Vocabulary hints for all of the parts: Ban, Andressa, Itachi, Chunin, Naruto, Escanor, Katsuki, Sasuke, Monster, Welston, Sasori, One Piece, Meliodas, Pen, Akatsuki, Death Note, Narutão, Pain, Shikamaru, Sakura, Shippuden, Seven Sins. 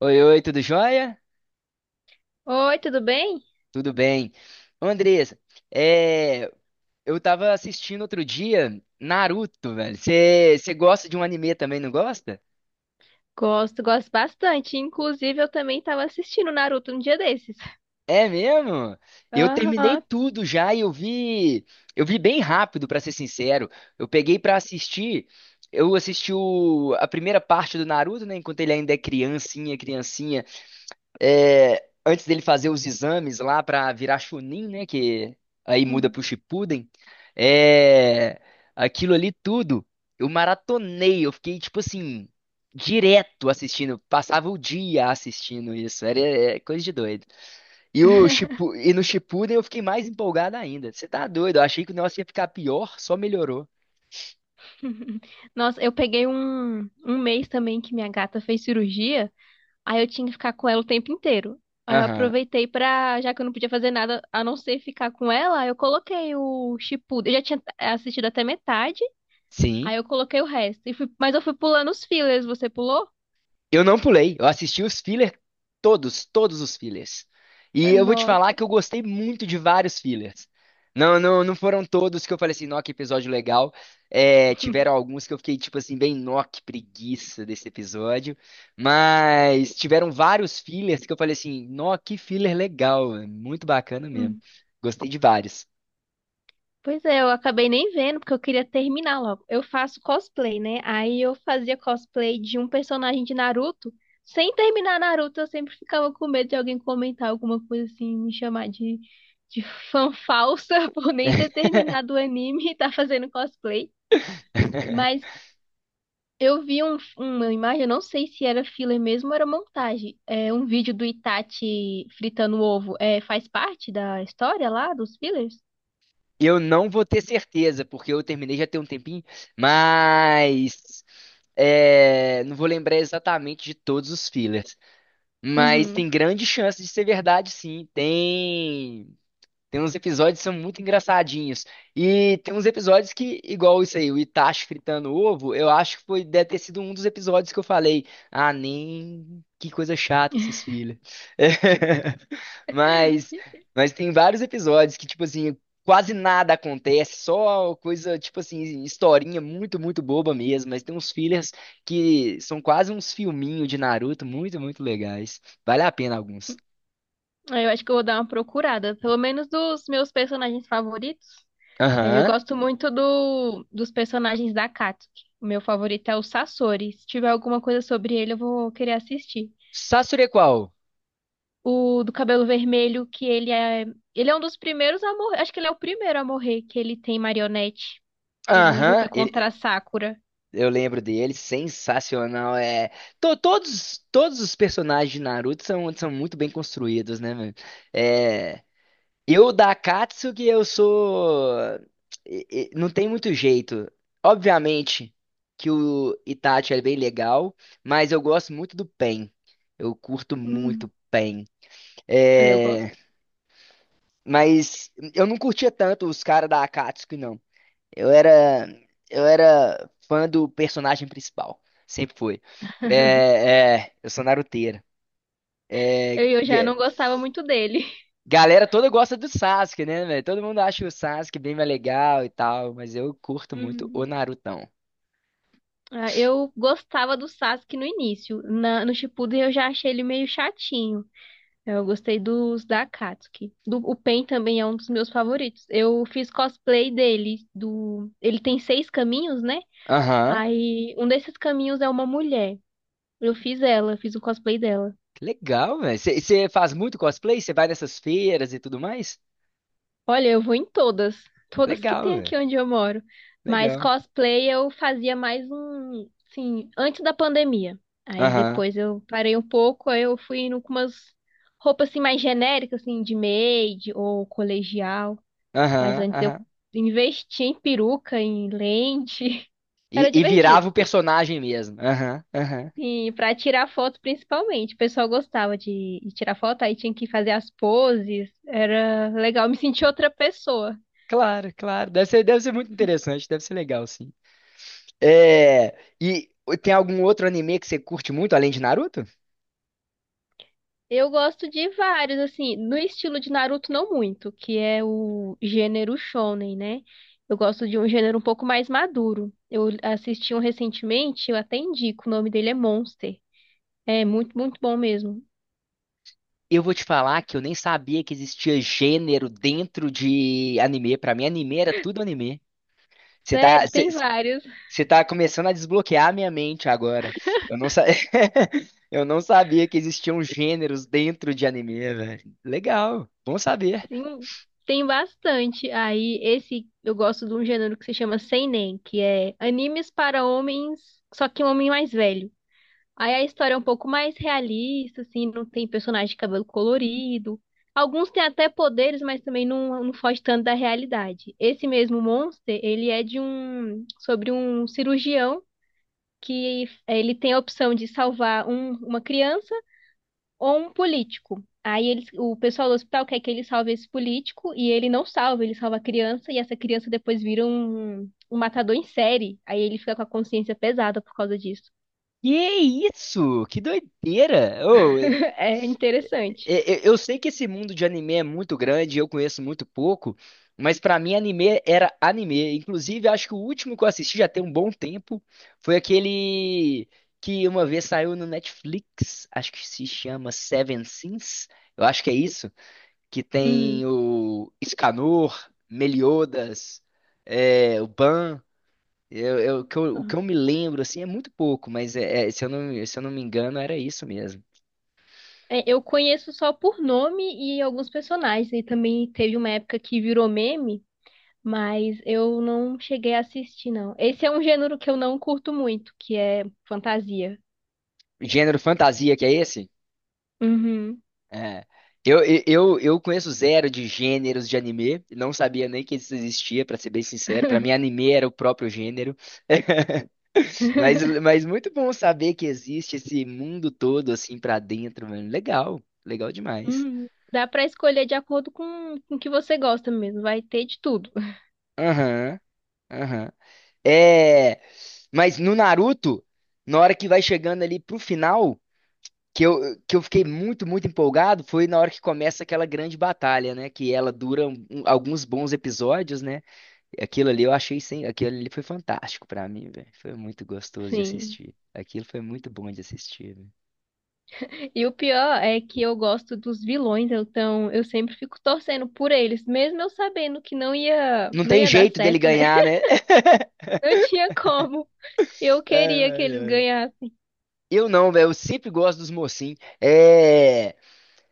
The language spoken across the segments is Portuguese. Oi, oi, tudo jóia? Oi, tudo bem? Tudo bem. Ô, Andressa, é, eu tava assistindo outro dia Naruto, velho. Você gosta de um anime também, não gosta? Gosto, gosto bastante. Inclusive, eu também estava assistindo Naruto um dia desses. É mesmo? Eu terminei Aham. tudo já e eu vi bem rápido, pra ser sincero. Eu peguei pra assistir, eu assisti a primeira parte do Naruto, né, enquanto ele ainda é criancinha, criancinha. É, antes dele fazer os exames lá pra virar Chunin, né? Que aí muda Hum. pro Shippuden. É, aquilo ali tudo, eu maratonei. Eu fiquei, tipo assim, direto assistindo. Passava o dia assistindo isso. Era é coisa de doido. E, o Shippu- e no Shippuden eu fiquei mais empolgado ainda. Você tá doido? Eu achei que o negócio ia ficar pior, só melhorou. Nossa, eu peguei um mês também que minha gata fez cirurgia, aí eu tinha que ficar com ela o tempo inteiro. Aí eu Aham. aproveitei pra, já que eu não podia fazer nada a não ser ficar com ela, eu coloquei o Shippuden. Eu já tinha assistido até metade, Sim. aí eu coloquei o resto. Mas eu fui pulando os fillers, você pulou? Eu não pulei, eu assisti os fillers todos os fillers. E eu vou te falar Nossa. que eu gostei muito de vários fillers. Não foram todos que eu falei assim, nó, que episódio legal. É, tiveram alguns que eu fiquei tipo assim, bem, nó, que preguiça desse episódio. Mas tiveram vários fillers que eu falei assim, nó, que filler legal, é muito bacana mesmo. Gostei de vários. Pois é, eu acabei nem vendo, porque eu queria terminar logo. Eu faço cosplay, né? Aí eu fazia cosplay de um personagem de Naruto. Sem terminar Naruto, eu sempre ficava com medo de alguém comentar alguma coisa assim, me chamar de fã falsa por nem ter terminado o anime e tá fazendo cosplay. Mas eu vi uma imagem, eu não sei se era filler mesmo ou era montagem. É um vídeo do Itachi fritando ovo. É, faz parte da história lá, dos fillers? Eu não vou ter certeza, porque eu terminei já tem um tempinho, mas é, não vou lembrar exatamente de todos os fillers, mas tem Uhum. grande chance de ser verdade, sim. Tem uns episódios que são muito engraçadinhos. E tem uns episódios que, igual isso aí, o Itachi fritando ovo, eu acho que foi, deve ter sido um dos episódios que eu falei, ah, nem que coisa chata esses filhos. Mas, mas tem vários episódios que, tipo assim, quase nada acontece, só coisa, tipo assim, historinha muito boba mesmo. Mas tem uns fillers que são quase uns filminhos de Naruto, muito legais. Vale a pena alguns. Ah, eu acho que eu vou dar uma procurada, pelo menos dos meus personagens favoritos. É, eu Aham. gosto muito dos personagens da Katsuki. O meu favorito é o Sasori. Se tiver alguma coisa sobre ele, eu vou querer assistir. Sasure qual? O do cabelo vermelho, que ele é. Ele é um dos primeiros a morrer. Acho que ele é o primeiro a morrer, que ele tem marionete. Ele luta Aham, contra a Sakura. eu lembro dele, sensacional. É, todos os personagens de Naruto são, são muito bem construídos, né, mano? É, eu da Akatsuki, eu sou. Não tem muito jeito. Obviamente que o Itachi é bem legal, mas eu gosto muito do Pain. Eu curto muito Hum, o Pain. ele eu É, gosto. mas eu não curtia tanto os caras da Akatsuki, não. Eu era, eu era fã do personagem principal. Sempre foi. Eu sou naruteiro. É, Eu já não ga- gostava muito dele. galera toda gosta do Sasuke, né, velho? Todo mundo acha o Sasuke bem mais legal e tal, mas eu curto muito o Hum. Narutão. Ah, eu gostava do Sasuke no início. No Shippuden eu já achei ele meio chatinho. Eu gostei dos da Akatsuki. Do, o Pen também é um dos meus favoritos. Eu fiz cosplay dele. Do, ele tem seis caminhos, né? Aham. Aí um desses caminhos é uma mulher. Eu fiz ela, fiz o cosplay dela. Que legal, velho. Você faz muito cosplay? Você vai nessas feiras e tudo mais? Olha, eu vou em todas. Todas que Legal, tem velho. aqui onde eu moro. Mas Legal. cosplay eu fazia mais um, sim, antes da pandemia. Aí Aham, depois eu parei um pouco, aí eu fui indo com umas roupas assim mais genéricas, assim, de maid ou colegial. Mas antes eu aham. investi em peruca, em lente. Era E virava divertido. o personagem mesmo. Aham, aham. E para tirar foto, principalmente. O pessoal gostava de tirar foto, aí tinha que fazer as poses. Era legal, me senti outra pessoa. Claro, claro. Deve ser muito interessante. Deve ser legal, sim. É, e tem algum outro anime que você curte muito além de Naruto? Eu gosto de vários, assim, no estilo de Naruto, não muito, que é o gênero shonen, né? Eu gosto de um gênero um pouco mais maduro. Eu assisti um recentemente, eu até indico, o nome dele é Monster. É muito, muito bom mesmo. Eu vou te falar que eu nem sabia que existia gênero dentro de anime. Pra mim, anime era tudo anime. Você tá, Sério, você, tem vários. você tá começando a desbloquear a minha mente agora. Eu não, sa... eu não sabia que existiam gêneros dentro de anime, velho. Legal, bom saber. Sim, tem bastante. Aí, esse eu gosto de um gênero que se chama seinen, que é animes para homens, só que um homem mais velho. Aí a história é um pouco mais realista, assim, não tem personagem de cabelo colorido. Alguns têm até poderes, mas também não, não foge tanto da realidade. Esse mesmo Monster, ele é de um, sobre um cirurgião que ele tem a opção de salvar uma criança ou um político. Aí eles, o pessoal do hospital quer que ele salve esse político e ele não salva, ele salva a criança e essa criança depois vira um, um matador em série. Aí ele fica com a consciência pesada por causa disso. Que isso? Que doideira! Ô, É interessante. Eu sei que esse mundo de anime é muito grande, eu conheço muito pouco, mas pra mim anime era anime. Inclusive, acho que o último que eu assisti já tem um bom tempo foi aquele que uma vez saiu no Netflix, acho que se chama Seven Sins, eu acho que é isso, que tem Hum. o Escanor, Meliodas, é, o Ban. O que eu me lembro assim é muito pouco, mas é, se eu não me engano era isso mesmo. É, eu conheço só por nome e alguns personagens. E também teve uma época que virou meme, mas eu não cheguei a assistir, não. Esse é um gênero que eu não curto muito, que é fantasia. Gênero fantasia que é esse? Uhum. É. Eu conheço zero de gêneros de anime, não sabia nem que isso existia, pra ser bem sincero. Pra mim, anime era o próprio gênero. Mas muito bom saber que existe esse mundo todo assim pra dentro, mano. Legal, legal demais. Dá pra escolher de acordo com o que você gosta mesmo, vai ter de tudo. Aham, aham. É, mas no Naruto, na hora que vai chegando ali pro final, que eu, que eu fiquei muito empolgado, foi na hora que começa aquela grande batalha, né? Que ela dura alguns bons episódios, né? Aquilo ali eu achei sem, aquilo ali foi fantástico pra mim, velho. Foi muito gostoso de Sim. assistir. Aquilo foi muito bom de assistir, velho. E o pior é que eu gosto dos vilões, então eu sempre fico torcendo por eles, mesmo eu sabendo que não ia Não não tem ia dar jeito dele certo, né? ganhar, né? Não tinha como. Eu Ai, queria que eles ai. ganhassem. Eu não, velho. Eu sempre gosto dos mocinhos. É.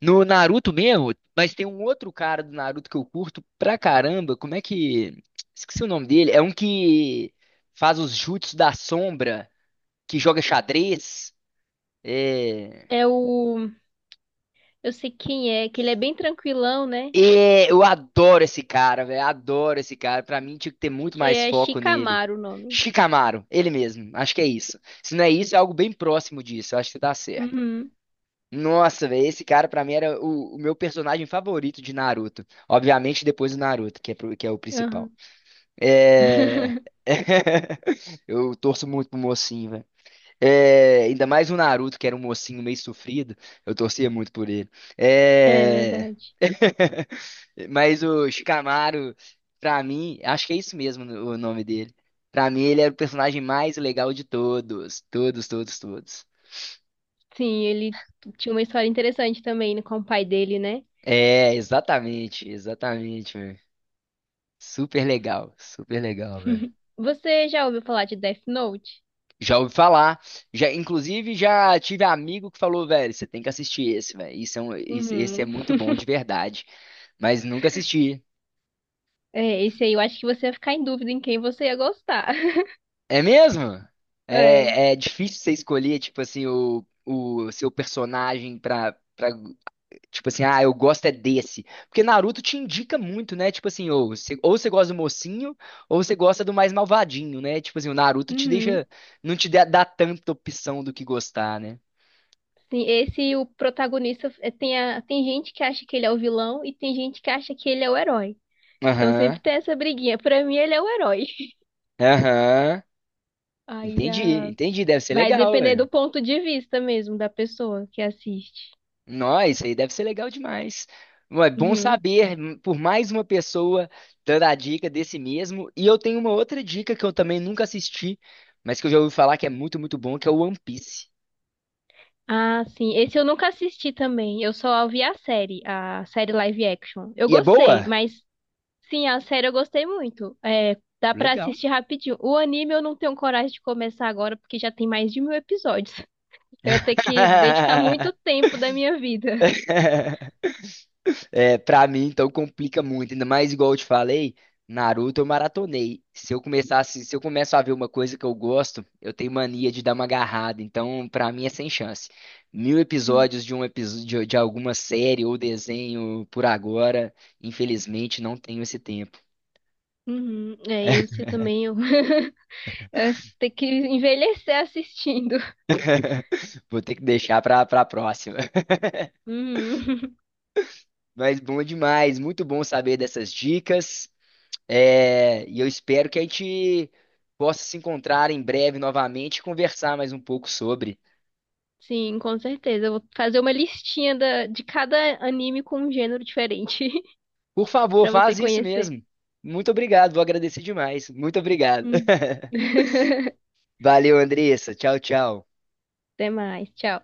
No Naruto mesmo, mas tem um outro cara do Naruto que eu curto pra caramba. Como é que. Esqueci o nome dele. É um que faz os jutsus da sombra, que joga xadrez. É. É o eu sei quem é, que ele é bem tranquilão, né? É, eu adoro esse cara, velho. Adoro esse cara. Pra mim, tinha que ter muito Que mais é foco nele. Shikamaru o nome. Chicamaro, ele mesmo. Acho que é isso. Se não é isso, é algo bem próximo disso. Eu acho que tá certo. Uhum. Nossa, velho, esse cara pra mim era o meu personagem favorito de Naruto. Obviamente, depois do Naruto, que é, que é o Aham. principal. É... Eu torço muito pro mocinho, velho. É, ainda mais o Naruto, que era um mocinho meio sofrido. Eu torcia muito por ele. É É... verdade. Mas o Shikamaru, pra mim, acho que é isso mesmo o nome dele. Pra mim, ele era o personagem mais legal de todos. Todos, todos, todos. Sim, ele tinha uma história interessante também, né, com o pai dele, né? É, exatamente, exatamente, velho. Super legal, velho. Você já ouviu falar de Death Note? Já ouvi falar. Já, inclusive, já tive amigo que falou, velho, você tem que assistir esse, velho. Esse é Uhum. muito bom de verdade. Mas nunca assisti. É, esse aí eu acho que você ia ficar em dúvida em quem você ia gostar. É mesmo? É. É, é difícil você escolher, tipo assim, o seu personagem pra. Tipo assim, ah, eu gosto é desse. Porque Naruto te indica muito, né? Tipo assim, ou você gosta do mocinho, ou você gosta do mais malvadinho, né? Tipo assim, o Naruto te Uhum. deixa. Não te dá, dá tanta opção do que gostar, né? Sim, esse o protagonista é, tem, a, tem gente que acha que ele é o vilão e tem gente que acha que ele é o herói. Então Aham, sempre tem essa briguinha. Pra mim, ele é o herói. aham. Aí Entendi, já entendi. Deve ser vai legal. depender do ponto de vista mesmo da pessoa que assiste. Nossa, isso aí deve ser legal demais. Ué, bom Uhum. saber, por mais uma pessoa dando a dica desse mesmo. E eu tenho uma outra dica que eu também nunca assisti, mas que eu já ouvi falar que é muito bom, que é o One Piece. Ah, sim. Esse eu nunca assisti também. Eu só vi a série live action. Eu E é gostei, boa? mas sim, a série eu gostei muito. É, dá pra Legal. assistir rapidinho. O anime eu não tenho coragem de começar agora, porque já tem mais de mil episódios. Eu ia ter que dedicar muito tempo da minha vida. É, pra mim, então, complica muito. Ainda mais igual eu te falei, Naruto eu maratonei. Se eu começo a ver uma coisa que eu gosto, eu tenho mania de dar uma agarrada. Então, pra mim é sem chance. Mil episódios de um episódio de alguma série ou desenho por agora, infelizmente não tenho esse tempo. Uhum, é, eu se também eu, eu ter que envelhecer assistindo. Vou ter que deixar pra, pra próxima. Uhum. Mas bom demais, muito bom saber dessas dicas. É, e eu espero que a gente possa se encontrar em breve novamente e conversar mais um pouco sobre. Sim, com certeza. Eu vou fazer uma listinha de cada anime com um gênero diferente Por favor, pra você faz isso conhecer. mesmo. Muito obrigado, vou agradecer demais. Muito obrigado. Hum. Valeu, Andressa. Tchau, tchau. Até mais, tchau.